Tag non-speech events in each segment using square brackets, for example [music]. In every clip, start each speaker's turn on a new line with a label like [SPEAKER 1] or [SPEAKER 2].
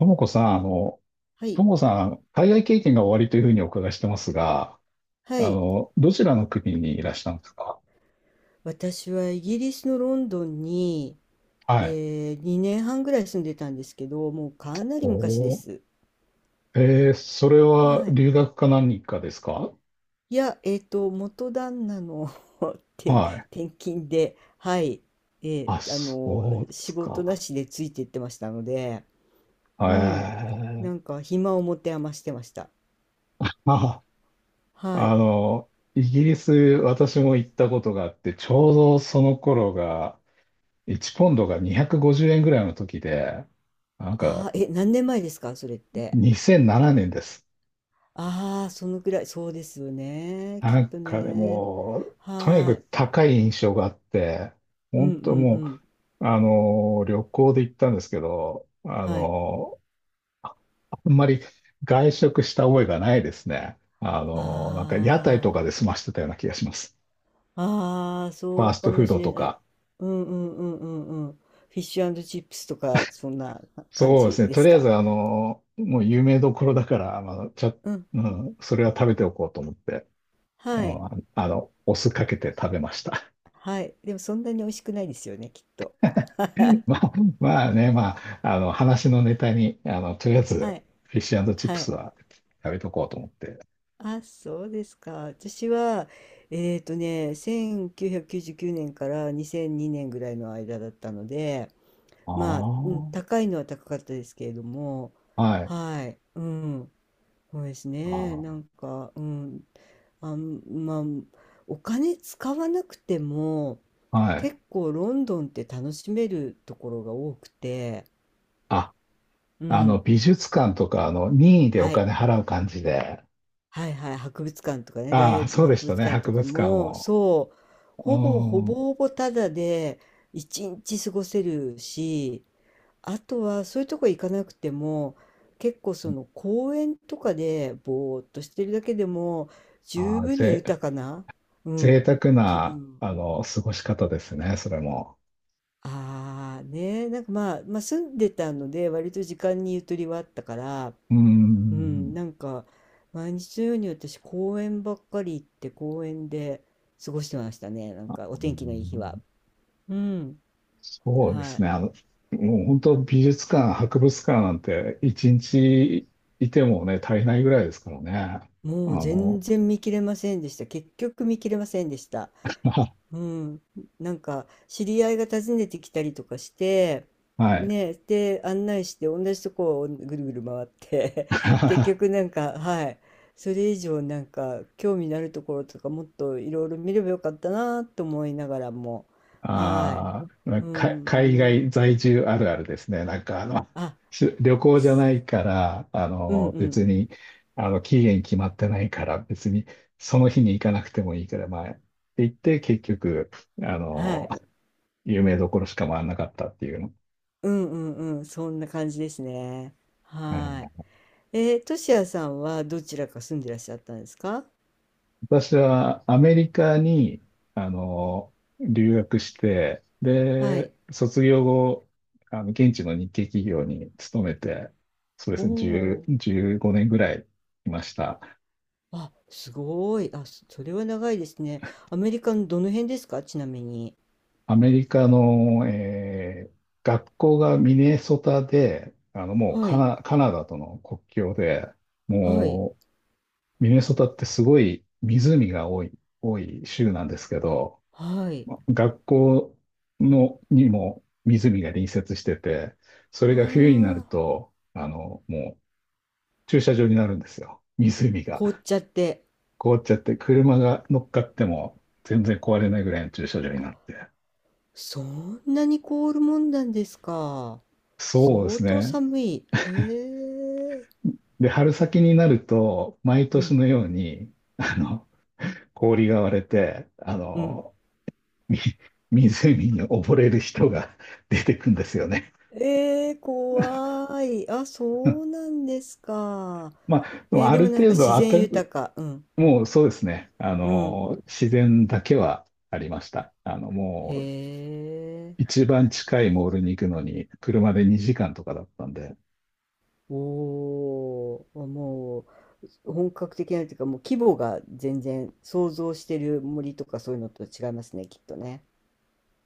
[SPEAKER 1] ともこさん、
[SPEAKER 2] は
[SPEAKER 1] と
[SPEAKER 2] い。
[SPEAKER 1] もこさん、海外経験がおありというふうにお伺いしてますが、
[SPEAKER 2] はい。
[SPEAKER 1] どちらの国にいらしたんですか？
[SPEAKER 2] 私はイギリスのロンドンに、
[SPEAKER 1] はい。
[SPEAKER 2] 2年半ぐらい住んでたんですけど、もうかなり昔で
[SPEAKER 1] おー、
[SPEAKER 2] す。
[SPEAKER 1] それは
[SPEAKER 2] はい。
[SPEAKER 1] 留学か何かですか？
[SPEAKER 2] いや、元旦那の [laughs] 転、
[SPEAKER 1] はい。
[SPEAKER 2] 転勤で、はい。
[SPEAKER 1] あ、そうです
[SPEAKER 2] 仕事な
[SPEAKER 1] か。
[SPEAKER 2] しでついて行ってましたので、
[SPEAKER 1] え
[SPEAKER 2] うん。
[SPEAKER 1] ー、
[SPEAKER 2] なんか、暇を持て余してました。
[SPEAKER 1] ま
[SPEAKER 2] はい。
[SPEAKER 1] イギリス、私も行ったことがあって、ちょうどその頃が、1ポンドが250円ぐらいの時で、なんか、
[SPEAKER 2] ああ、え、何年前ですか、それって？
[SPEAKER 1] 2007年です。
[SPEAKER 2] ああ、そのくらい、そうですよね。き
[SPEAKER 1] な
[SPEAKER 2] っ
[SPEAKER 1] ん
[SPEAKER 2] と
[SPEAKER 1] かね、
[SPEAKER 2] ね。
[SPEAKER 1] もう、とに
[SPEAKER 2] は
[SPEAKER 1] か
[SPEAKER 2] い。
[SPEAKER 1] く高い印象があって、
[SPEAKER 2] うんう
[SPEAKER 1] 本
[SPEAKER 2] んう
[SPEAKER 1] 当も
[SPEAKER 2] ん。
[SPEAKER 1] う、旅行で行ったんですけど、
[SPEAKER 2] はい。
[SPEAKER 1] あんまり外食した覚えがないですね。なんか屋台
[SPEAKER 2] あ
[SPEAKER 1] とかで済ましてたような気がします。
[SPEAKER 2] あ、ああ、
[SPEAKER 1] フ
[SPEAKER 2] そ
[SPEAKER 1] ァー
[SPEAKER 2] う
[SPEAKER 1] ス
[SPEAKER 2] か
[SPEAKER 1] トフ
[SPEAKER 2] も
[SPEAKER 1] ード
[SPEAKER 2] しれ
[SPEAKER 1] と
[SPEAKER 2] ない。
[SPEAKER 1] か。
[SPEAKER 2] うんうんうんうんうん。フィッシュチップスとか、そんな感
[SPEAKER 1] そうで
[SPEAKER 2] じ
[SPEAKER 1] すね。
[SPEAKER 2] で
[SPEAKER 1] と
[SPEAKER 2] す
[SPEAKER 1] りあえ
[SPEAKER 2] か？
[SPEAKER 1] ず、もう有名どころだから、まあ、
[SPEAKER 2] うん。
[SPEAKER 1] うん、それは食べておこうと思って、う
[SPEAKER 2] はい。
[SPEAKER 1] ん、お酢かけて食べました。
[SPEAKER 2] はい。でもそんなに美味しくないですよね、きっと。
[SPEAKER 1] [laughs] まあ、まあね、まあ、話のネタに、とりあえ
[SPEAKER 2] は
[SPEAKER 1] ず、
[SPEAKER 2] い。
[SPEAKER 1] フィッシュチッ
[SPEAKER 2] は
[SPEAKER 1] プス
[SPEAKER 2] い。
[SPEAKER 1] は食べとこうと思って。
[SPEAKER 2] あ、そうですか。私は、1999年から2002年ぐらいの間だったので、
[SPEAKER 1] あ
[SPEAKER 2] まあ、う
[SPEAKER 1] あ、
[SPEAKER 2] ん、高いのは高かったですけれども、
[SPEAKER 1] はい。
[SPEAKER 2] はい。うん。そうですね。な
[SPEAKER 1] あ
[SPEAKER 2] んか、うん、まあ、お金使わなくても、
[SPEAKER 1] あ、はい。
[SPEAKER 2] 結構ロンドンって楽しめるところが多くて、
[SPEAKER 1] あ、
[SPEAKER 2] うん。
[SPEAKER 1] 美術館とか、任意でお
[SPEAKER 2] はい。
[SPEAKER 1] 金払う感じで。
[SPEAKER 2] はいはい。博物館とかね、大
[SPEAKER 1] あ
[SPEAKER 2] 英
[SPEAKER 1] あ、そうで
[SPEAKER 2] 博
[SPEAKER 1] した
[SPEAKER 2] 物
[SPEAKER 1] ね、
[SPEAKER 2] 館と
[SPEAKER 1] 博
[SPEAKER 2] か
[SPEAKER 1] 物館
[SPEAKER 2] も、
[SPEAKER 1] も。
[SPEAKER 2] そう、
[SPEAKER 1] う
[SPEAKER 2] ほぼほぼ
[SPEAKER 1] ん。
[SPEAKER 2] ほぼタダで一日過ごせるし、あとはそういうとこ行かなくても結構その公園とかでぼーっとしてるだけでも
[SPEAKER 1] あ
[SPEAKER 2] 十
[SPEAKER 1] あ、
[SPEAKER 2] 分に
[SPEAKER 1] ぜ、
[SPEAKER 2] 豊かな、う
[SPEAKER 1] 贅
[SPEAKER 2] ん、
[SPEAKER 1] 沢
[SPEAKER 2] 気
[SPEAKER 1] な、
[SPEAKER 2] 分。
[SPEAKER 1] 過ごし方ですね、それも。
[SPEAKER 2] ああ、ね、なんか、まあ、まあ住んでたので割と時間にゆとりはあったから、
[SPEAKER 1] う
[SPEAKER 2] うん、
[SPEAKER 1] ん。
[SPEAKER 2] なんか毎日のように私公園ばっかり行って公園で過ごしてましたね。なんか
[SPEAKER 1] う
[SPEAKER 2] お天気のいい日は。
[SPEAKER 1] ん。
[SPEAKER 2] うん、
[SPEAKER 1] そうで
[SPEAKER 2] は
[SPEAKER 1] す
[SPEAKER 2] い。
[SPEAKER 1] ね。もう本当美術館、博物館なんて一日いてもね、足りないぐらいですからね。あ
[SPEAKER 2] もう全
[SPEAKER 1] の、
[SPEAKER 2] 然見切れませんでした。結局見切れませんでした。
[SPEAKER 1] [laughs]
[SPEAKER 2] うん、なんか知り合いが訪ねてきたりとかして、
[SPEAKER 1] はい。
[SPEAKER 2] ね、で案内して同じとこをぐるぐる回って [laughs] 結局
[SPEAKER 1] [laughs]
[SPEAKER 2] なんか、はい。それ以上なんか興味のあるところとかもっといろいろ見ればよかったなと思いながらも、はい。
[SPEAKER 1] あ
[SPEAKER 2] う
[SPEAKER 1] ーか、
[SPEAKER 2] ん、
[SPEAKER 1] 海
[SPEAKER 2] ね。
[SPEAKER 1] 外在住あるあるですね。
[SPEAKER 2] あ、
[SPEAKER 1] 旅行じゃないから、
[SPEAKER 2] うん、う
[SPEAKER 1] 別
[SPEAKER 2] ん。
[SPEAKER 1] に、期限決まってないから、別にその日に行かなくてもいいから、まあ、って言って、結局、あ
[SPEAKER 2] は
[SPEAKER 1] の、
[SPEAKER 2] い。
[SPEAKER 1] 有名どころしか回らなかったっていうの。
[SPEAKER 2] うん、うん、うん、そんな感じですね。はい。としやさんはどちらか住んでらっしゃったんですか？
[SPEAKER 1] 私はアメリカに、あの、留学して、
[SPEAKER 2] は
[SPEAKER 1] で、
[SPEAKER 2] い。
[SPEAKER 1] 卒業後、現地の日系企業に勤めて、そうで
[SPEAKER 2] お
[SPEAKER 1] すね、
[SPEAKER 2] お。
[SPEAKER 1] 10、15年ぐらいいました。
[SPEAKER 2] あ、すごい。あ、そそれは長いですね。アメリカのどの辺ですか、ちなみに？
[SPEAKER 1] アメリカの、学校がミネソタで、もう
[SPEAKER 2] はい、
[SPEAKER 1] カナダとの国境で、
[SPEAKER 2] はい、
[SPEAKER 1] もう、ミネソタってすごい湖が多い州なんですけど、
[SPEAKER 2] はい。
[SPEAKER 1] 学校のにも湖が隣接してて、それ
[SPEAKER 2] わ
[SPEAKER 1] が冬になる
[SPEAKER 2] あ、
[SPEAKER 1] と、もう駐車場になるんですよ。湖が
[SPEAKER 2] 凍っちゃって。
[SPEAKER 1] 凍っちゃって、車が乗っかっても全然壊れないぐらいの駐車場になって。
[SPEAKER 2] そんなに凍るもんなんですか？
[SPEAKER 1] そうで
[SPEAKER 2] 相
[SPEAKER 1] す
[SPEAKER 2] 当
[SPEAKER 1] ね。
[SPEAKER 2] 寒い。へえ。
[SPEAKER 1] で、春先になると、毎
[SPEAKER 2] う
[SPEAKER 1] 年
[SPEAKER 2] ん、
[SPEAKER 1] のように、氷が割れて、
[SPEAKER 2] うん。
[SPEAKER 1] み [laughs] 湖に溺れる人が出てくんですよね。
[SPEAKER 2] ええ、怖い。あ、そうなんですか？
[SPEAKER 1] まあ、でも
[SPEAKER 2] えー、
[SPEAKER 1] あ
[SPEAKER 2] で
[SPEAKER 1] る
[SPEAKER 2] もなん
[SPEAKER 1] 程
[SPEAKER 2] か
[SPEAKER 1] 度
[SPEAKER 2] 自然
[SPEAKER 1] 暖
[SPEAKER 2] 豊か。うん、
[SPEAKER 1] もうそうですね。
[SPEAKER 2] うん。
[SPEAKER 1] 自然だけはありました。
[SPEAKER 2] へ
[SPEAKER 1] もう
[SPEAKER 2] え。
[SPEAKER 1] 一番近いモールに行くのに車で2時間とかだったんで、
[SPEAKER 2] おー、もう。本格的なというか、もう規模が全然想像してる森とかそういうのと違いますね、きっとね。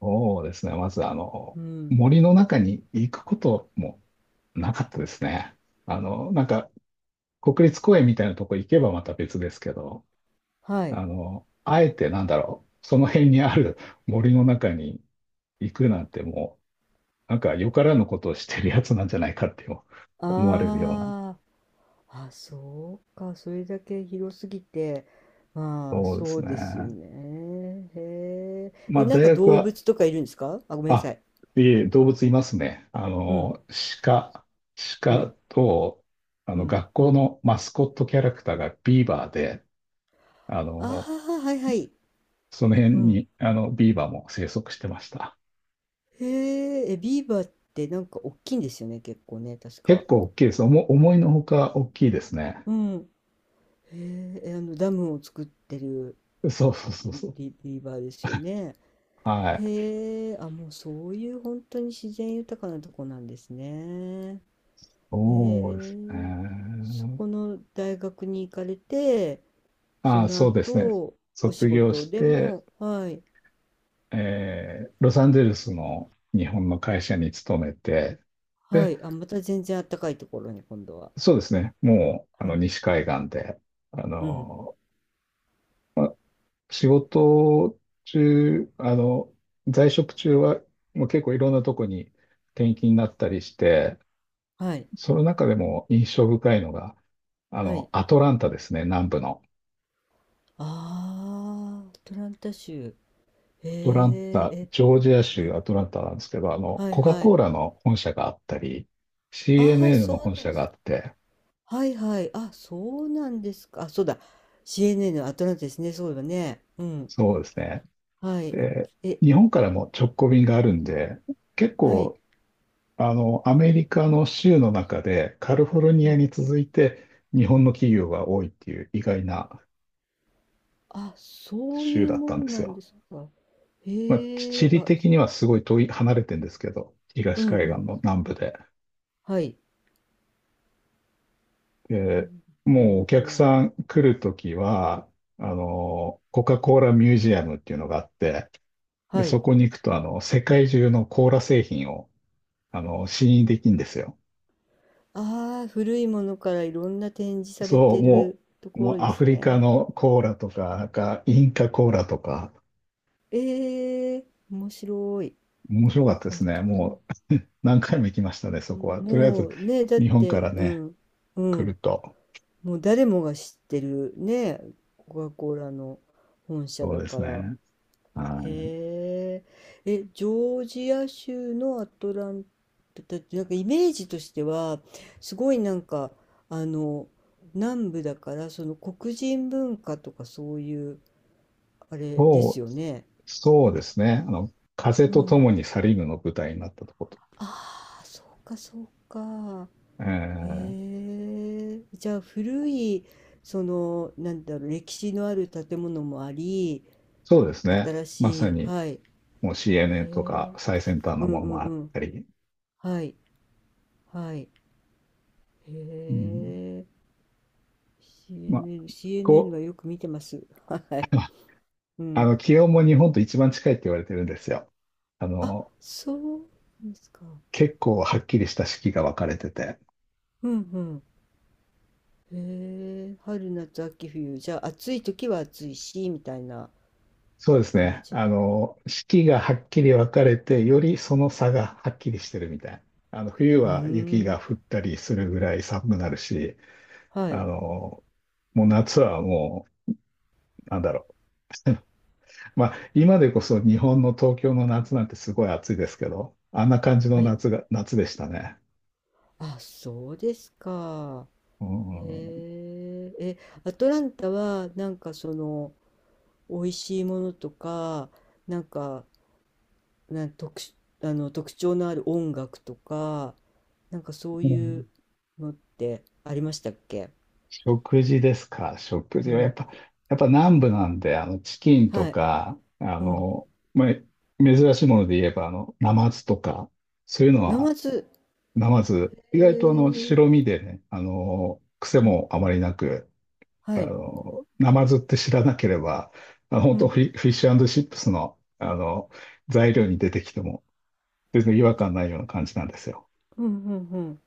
[SPEAKER 1] そうですね。まずあの、
[SPEAKER 2] うん。
[SPEAKER 1] 森の中に行くこともなかったですね。なんか国立公園みたいなとこ行けばまた別ですけど、
[SPEAKER 2] はい。
[SPEAKER 1] あえてなんだろう、その辺にある [laughs] 森の中に行くなんてもう、なんかよからぬことをしてるやつなんじゃないかって思われるような。
[SPEAKER 2] ああ、あ、そうか。それだけ広すぎて、まあ、
[SPEAKER 1] そうで
[SPEAKER 2] そ
[SPEAKER 1] す
[SPEAKER 2] う
[SPEAKER 1] ね。
[SPEAKER 2] ですよね。へえ。
[SPEAKER 1] ま
[SPEAKER 2] え、
[SPEAKER 1] あ、
[SPEAKER 2] なん
[SPEAKER 1] 大
[SPEAKER 2] か
[SPEAKER 1] 学
[SPEAKER 2] 動
[SPEAKER 1] は、
[SPEAKER 2] 物とかいるんですか？あ、ごめんなさ
[SPEAKER 1] あ、
[SPEAKER 2] い。
[SPEAKER 1] いえ、動物いますね。
[SPEAKER 2] うん、
[SPEAKER 1] 鹿、
[SPEAKER 2] う
[SPEAKER 1] 鹿
[SPEAKER 2] ん、
[SPEAKER 1] と、
[SPEAKER 2] うん。
[SPEAKER 1] 学校のマスコットキャラクターがビーバーで、あ
[SPEAKER 2] ああ、
[SPEAKER 1] の、
[SPEAKER 2] はいはい。
[SPEAKER 1] その辺
[SPEAKER 2] うん。
[SPEAKER 1] に、ビーバーも生息してました。
[SPEAKER 2] へえ、え、ビーバーってなんか大きいんですよね、結構ね、確
[SPEAKER 1] 結
[SPEAKER 2] か。
[SPEAKER 1] 構大きいです。思いのほか大きいですね。
[SPEAKER 2] うん。へえ、え、あの、ダムを作ってる。
[SPEAKER 1] そうそうそうそう。
[SPEAKER 2] リーバーですよね。
[SPEAKER 1] はい。
[SPEAKER 2] へえ、あ、もうそういう本当に自然豊かなとこなんですね。へ
[SPEAKER 1] そうです
[SPEAKER 2] え、そ
[SPEAKER 1] ね。
[SPEAKER 2] この大学に行かれて、そ
[SPEAKER 1] ああ、
[SPEAKER 2] の
[SPEAKER 1] そうですね。
[SPEAKER 2] 後、お仕
[SPEAKER 1] 卒業
[SPEAKER 2] 事
[SPEAKER 1] し
[SPEAKER 2] で
[SPEAKER 1] て、
[SPEAKER 2] も、はい、
[SPEAKER 1] ロサンゼルスの日本の会社に勤めて、
[SPEAKER 2] は
[SPEAKER 1] で
[SPEAKER 2] い、あ、また全然あったかいところに今度は。
[SPEAKER 1] そうですね。もう、
[SPEAKER 2] はい、
[SPEAKER 1] 西海岸で、あ
[SPEAKER 2] うん、
[SPEAKER 1] の、まあ、仕事中、あの、在職中は、もう結構いろんなとこに転勤になったりして、
[SPEAKER 2] はい、
[SPEAKER 1] その中でも印象深いのが、
[SPEAKER 2] はい。
[SPEAKER 1] アトランタですね、南部の。
[SPEAKER 2] ああ、アトランタ州。へ
[SPEAKER 1] アトラン
[SPEAKER 2] え、
[SPEAKER 1] タ、
[SPEAKER 2] え、
[SPEAKER 1] ジョージア
[SPEAKER 2] う
[SPEAKER 1] 州
[SPEAKER 2] ん、
[SPEAKER 1] アトランタなんですけど、
[SPEAKER 2] はい、
[SPEAKER 1] コカ・
[SPEAKER 2] は
[SPEAKER 1] コ
[SPEAKER 2] い。
[SPEAKER 1] ーラの本社があったり、
[SPEAKER 2] ああ、
[SPEAKER 1] CNN
[SPEAKER 2] そ
[SPEAKER 1] の本
[SPEAKER 2] うなん
[SPEAKER 1] 社
[SPEAKER 2] で
[SPEAKER 1] があ
[SPEAKER 2] す。
[SPEAKER 1] って、
[SPEAKER 2] はいはい。あ、そうなんですか？あ、そうだ。CNN のアトランタですね。そうだね。うん。
[SPEAKER 1] そうですね。
[SPEAKER 2] はい。
[SPEAKER 1] で、
[SPEAKER 2] え、
[SPEAKER 1] 日本からも直行便があるんで、結
[SPEAKER 2] はい。
[SPEAKER 1] 構あの、アメリカの州の中でカリフォルニ
[SPEAKER 2] う
[SPEAKER 1] ア
[SPEAKER 2] ん。
[SPEAKER 1] に続いて日本の企業が多いっていう意外な
[SPEAKER 2] あ、そうい
[SPEAKER 1] 州
[SPEAKER 2] う
[SPEAKER 1] だっ
[SPEAKER 2] も
[SPEAKER 1] たんで
[SPEAKER 2] ん
[SPEAKER 1] す
[SPEAKER 2] なん
[SPEAKER 1] よ。
[SPEAKER 2] ですか？
[SPEAKER 1] まあ、
[SPEAKER 2] へ
[SPEAKER 1] 地
[SPEAKER 2] え、
[SPEAKER 1] 理
[SPEAKER 2] あ、
[SPEAKER 1] 的にはすごい遠い、離れてるんですけど、
[SPEAKER 2] う
[SPEAKER 1] 東
[SPEAKER 2] んう
[SPEAKER 1] 海岸
[SPEAKER 2] ん。
[SPEAKER 1] の南部で。
[SPEAKER 2] はい。う
[SPEAKER 1] で、
[SPEAKER 2] ん。
[SPEAKER 1] も
[SPEAKER 2] えー、
[SPEAKER 1] う
[SPEAKER 2] ア
[SPEAKER 1] お
[SPEAKER 2] ト
[SPEAKER 1] 客
[SPEAKER 2] ラン
[SPEAKER 1] さん来るときは、コカ・コーラミュージアムっていうのがあって、
[SPEAKER 2] タ。
[SPEAKER 1] で、
[SPEAKER 2] は
[SPEAKER 1] そ
[SPEAKER 2] い。
[SPEAKER 1] こに行くと、世界中のコーラ製品を、試飲できるんですよ。
[SPEAKER 2] ああ、古いものからいろんな展示され
[SPEAKER 1] そう、
[SPEAKER 2] て
[SPEAKER 1] も
[SPEAKER 2] ると
[SPEAKER 1] も
[SPEAKER 2] こ
[SPEAKER 1] う
[SPEAKER 2] ろで
[SPEAKER 1] ア
[SPEAKER 2] す
[SPEAKER 1] フリカ
[SPEAKER 2] ね。
[SPEAKER 1] のコーラとか、なんかインカコーラとか、
[SPEAKER 2] ええ、面白い。
[SPEAKER 1] 面白かっ
[SPEAKER 2] ア
[SPEAKER 1] たですね。
[SPEAKER 2] トラン
[SPEAKER 1] も
[SPEAKER 2] タ。
[SPEAKER 1] う [laughs] 何回も行きましたね、
[SPEAKER 2] う
[SPEAKER 1] そこ
[SPEAKER 2] ん、
[SPEAKER 1] は。とりあえず、
[SPEAKER 2] もうね、だっ
[SPEAKER 1] 日本か
[SPEAKER 2] て、
[SPEAKER 1] ら
[SPEAKER 2] う
[SPEAKER 1] ね、
[SPEAKER 2] ん。う
[SPEAKER 1] 来
[SPEAKER 2] ん。
[SPEAKER 1] ると。
[SPEAKER 2] もう誰もが知ってるね、コカ・コーラの本社
[SPEAKER 1] そう
[SPEAKER 2] だ
[SPEAKER 1] です
[SPEAKER 2] から。
[SPEAKER 1] ね。はい。
[SPEAKER 2] へえ。え、ジョージア州のアトランタって、なんかイメージとしては、すごいなんか、あの、南部だから、その黒人文化とかそういう、あれです
[SPEAKER 1] そう、
[SPEAKER 2] よね。
[SPEAKER 1] そうですね。風
[SPEAKER 2] う
[SPEAKER 1] と
[SPEAKER 2] ん。
[SPEAKER 1] 共にサリぬの舞台になったとこと。
[SPEAKER 2] ああ、そうか、そうか。
[SPEAKER 1] え
[SPEAKER 2] へ
[SPEAKER 1] ー
[SPEAKER 2] え。じゃあ、古い、その、なんだろう、歴史のある建物もあり、
[SPEAKER 1] そうですね。
[SPEAKER 2] 新
[SPEAKER 1] ま
[SPEAKER 2] し
[SPEAKER 1] さ
[SPEAKER 2] い、
[SPEAKER 1] に、
[SPEAKER 2] はい。へ
[SPEAKER 1] もう CNN とか
[SPEAKER 2] え。
[SPEAKER 1] 最先端
[SPEAKER 2] う
[SPEAKER 1] の
[SPEAKER 2] ん
[SPEAKER 1] もの
[SPEAKER 2] う
[SPEAKER 1] も
[SPEAKER 2] ん
[SPEAKER 1] あっ
[SPEAKER 2] うん。
[SPEAKER 1] たり。
[SPEAKER 2] はい。はい。へ
[SPEAKER 1] うん、
[SPEAKER 2] え。
[SPEAKER 1] まあ、
[SPEAKER 2] CNN、CN
[SPEAKER 1] こ
[SPEAKER 2] はよく見てます。は
[SPEAKER 1] う、
[SPEAKER 2] い。
[SPEAKER 1] [laughs]
[SPEAKER 2] うん。
[SPEAKER 1] 気温も日本と一番近いって言われてるんですよ。あ
[SPEAKER 2] あ、
[SPEAKER 1] の、
[SPEAKER 2] そうですか。
[SPEAKER 1] 結構はっきりした四季が分かれてて。
[SPEAKER 2] うんうん。へえ。春夏秋冬。じゃあ、暑い時は暑いし、みたいな
[SPEAKER 1] そうです
[SPEAKER 2] 感
[SPEAKER 1] ね。
[SPEAKER 2] じ。
[SPEAKER 1] 四季がはっきり分かれて、よりその差がはっきりしてるみたいな。冬
[SPEAKER 2] うー
[SPEAKER 1] は雪が
[SPEAKER 2] ん。
[SPEAKER 1] 降ったりするぐらい寒くなるし、
[SPEAKER 2] は
[SPEAKER 1] あ
[SPEAKER 2] い。
[SPEAKER 1] の、もう夏はなんだろう。まあ、今でこそ日本の東京の夏なんてすごい暑いですけど、あんな感じの
[SPEAKER 2] はい。
[SPEAKER 1] 夏が、夏でしたね。
[SPEAKER 2] あ、そうですか。
[SPEAKER 1] うん。
[SPEAKER 2] へえ。え、アトランタは、なんかその、美味しいものとか、なんか、なん特殊、あの特徴のある音楽とか、なんかそういうのってありましたっけ？
[SPEAKER 1] 食事ですか。食
[SPEAKER 2] う
[SPEAKER 1] 事はやっ
[SPEAKER 2] ん。
[SPEAKER 1] ぱ、やっぱ南部なんで、チキンと
[SPEAKER 2] はい。
[SPEAKER 1] か、
[SPEAKER 2] うん。
[SPEAKER 1] まあ、珍しいもので言えば、ナマズとか、そういうの
[SPEAKER 2] ナ
[SPEAKER 1] は、
[SPEAKER 2] マズ。
[SPEAKER 1] ナマズ、
[SPEAKER 2] え
[SPEAKER 1] 意外とあの、白
[SPEAKER 2] ー、
[SPEAKER 1] 身でね、癖
[SPEAKER 2] うん
[SPEAKER 1] もあ
[SPEAKER 2] う
[SPEAKER 1] ま
[SPEAKER 2] ん。
[SPEAKER 1] りなく、
[SPEAKER 2] はい。
[SPEAKER 1] ナマズって知らなければ、本
[SPEAKER 2] う
[SPEAKER 1] 当
[SPEAKER 2] ん。
[SPEAKER 1] フィッシュチップスの、材料に出てきても、全然違和感ないような感じなんですよ。
[SPEAKER 2] うんうんうん。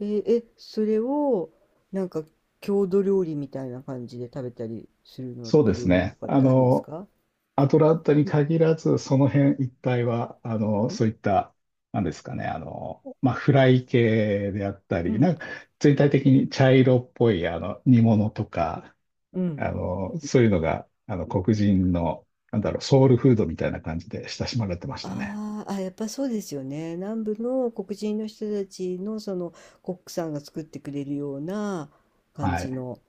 [SPEAKER 2] えーえ、それを、なんか郷土料理みたいな感じで食べたりするのっ
[SPEAKER 1] そう
[SPEAKER 2] て
[SPEAKER 1] です
[SPEAKER 2] 料理と
[SPEAKER 1] ね。
[SPEAKER 2] かってあるんですか？
[SPEAKER 1] アトランタに限らず、その辺一帯は、そういった、なんですかね、まあ、フライ系であった
[SPEAKER 2] う
[SPEAKER 1] り、な
[SPEAKER 2] ん。
[SPEAKER 1] んか、全体的に茶色っぽい、煮物とか、
[SPEAKER 2] うん。
[SPEAKER 1] そういうのが、黒人の、なんだろう、ソウルフードみたいな感じで親しまれてましたね。
[SPEAKER 2] あーあ、やっぱそうですよね。南部の黒人の人たちのそのコックさんが作ってくれるような感
[SPEAKER 1] は
[SPEAKER 2] じ
[SPEAKER 1] い。
[SPEAKER 2] の。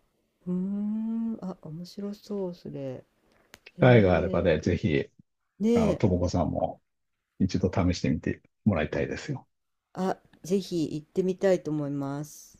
[SPEAKER 2] うーん、あ、面白そう、それ。へ
[SPEAKER 1] 機会があれば
[SPEAKER 2] え、
[SPEAKER 1] ね、ぜ
[SPEAKER 2] い
[SPEAKER 1] ひ、
[SPEAKER 2] ねえ、
[SPEAKER 1] ともこさんも一度試してみてもらいたいですよ。
[SPEAKER 2] あ、ぜひ行ってみたいと思います。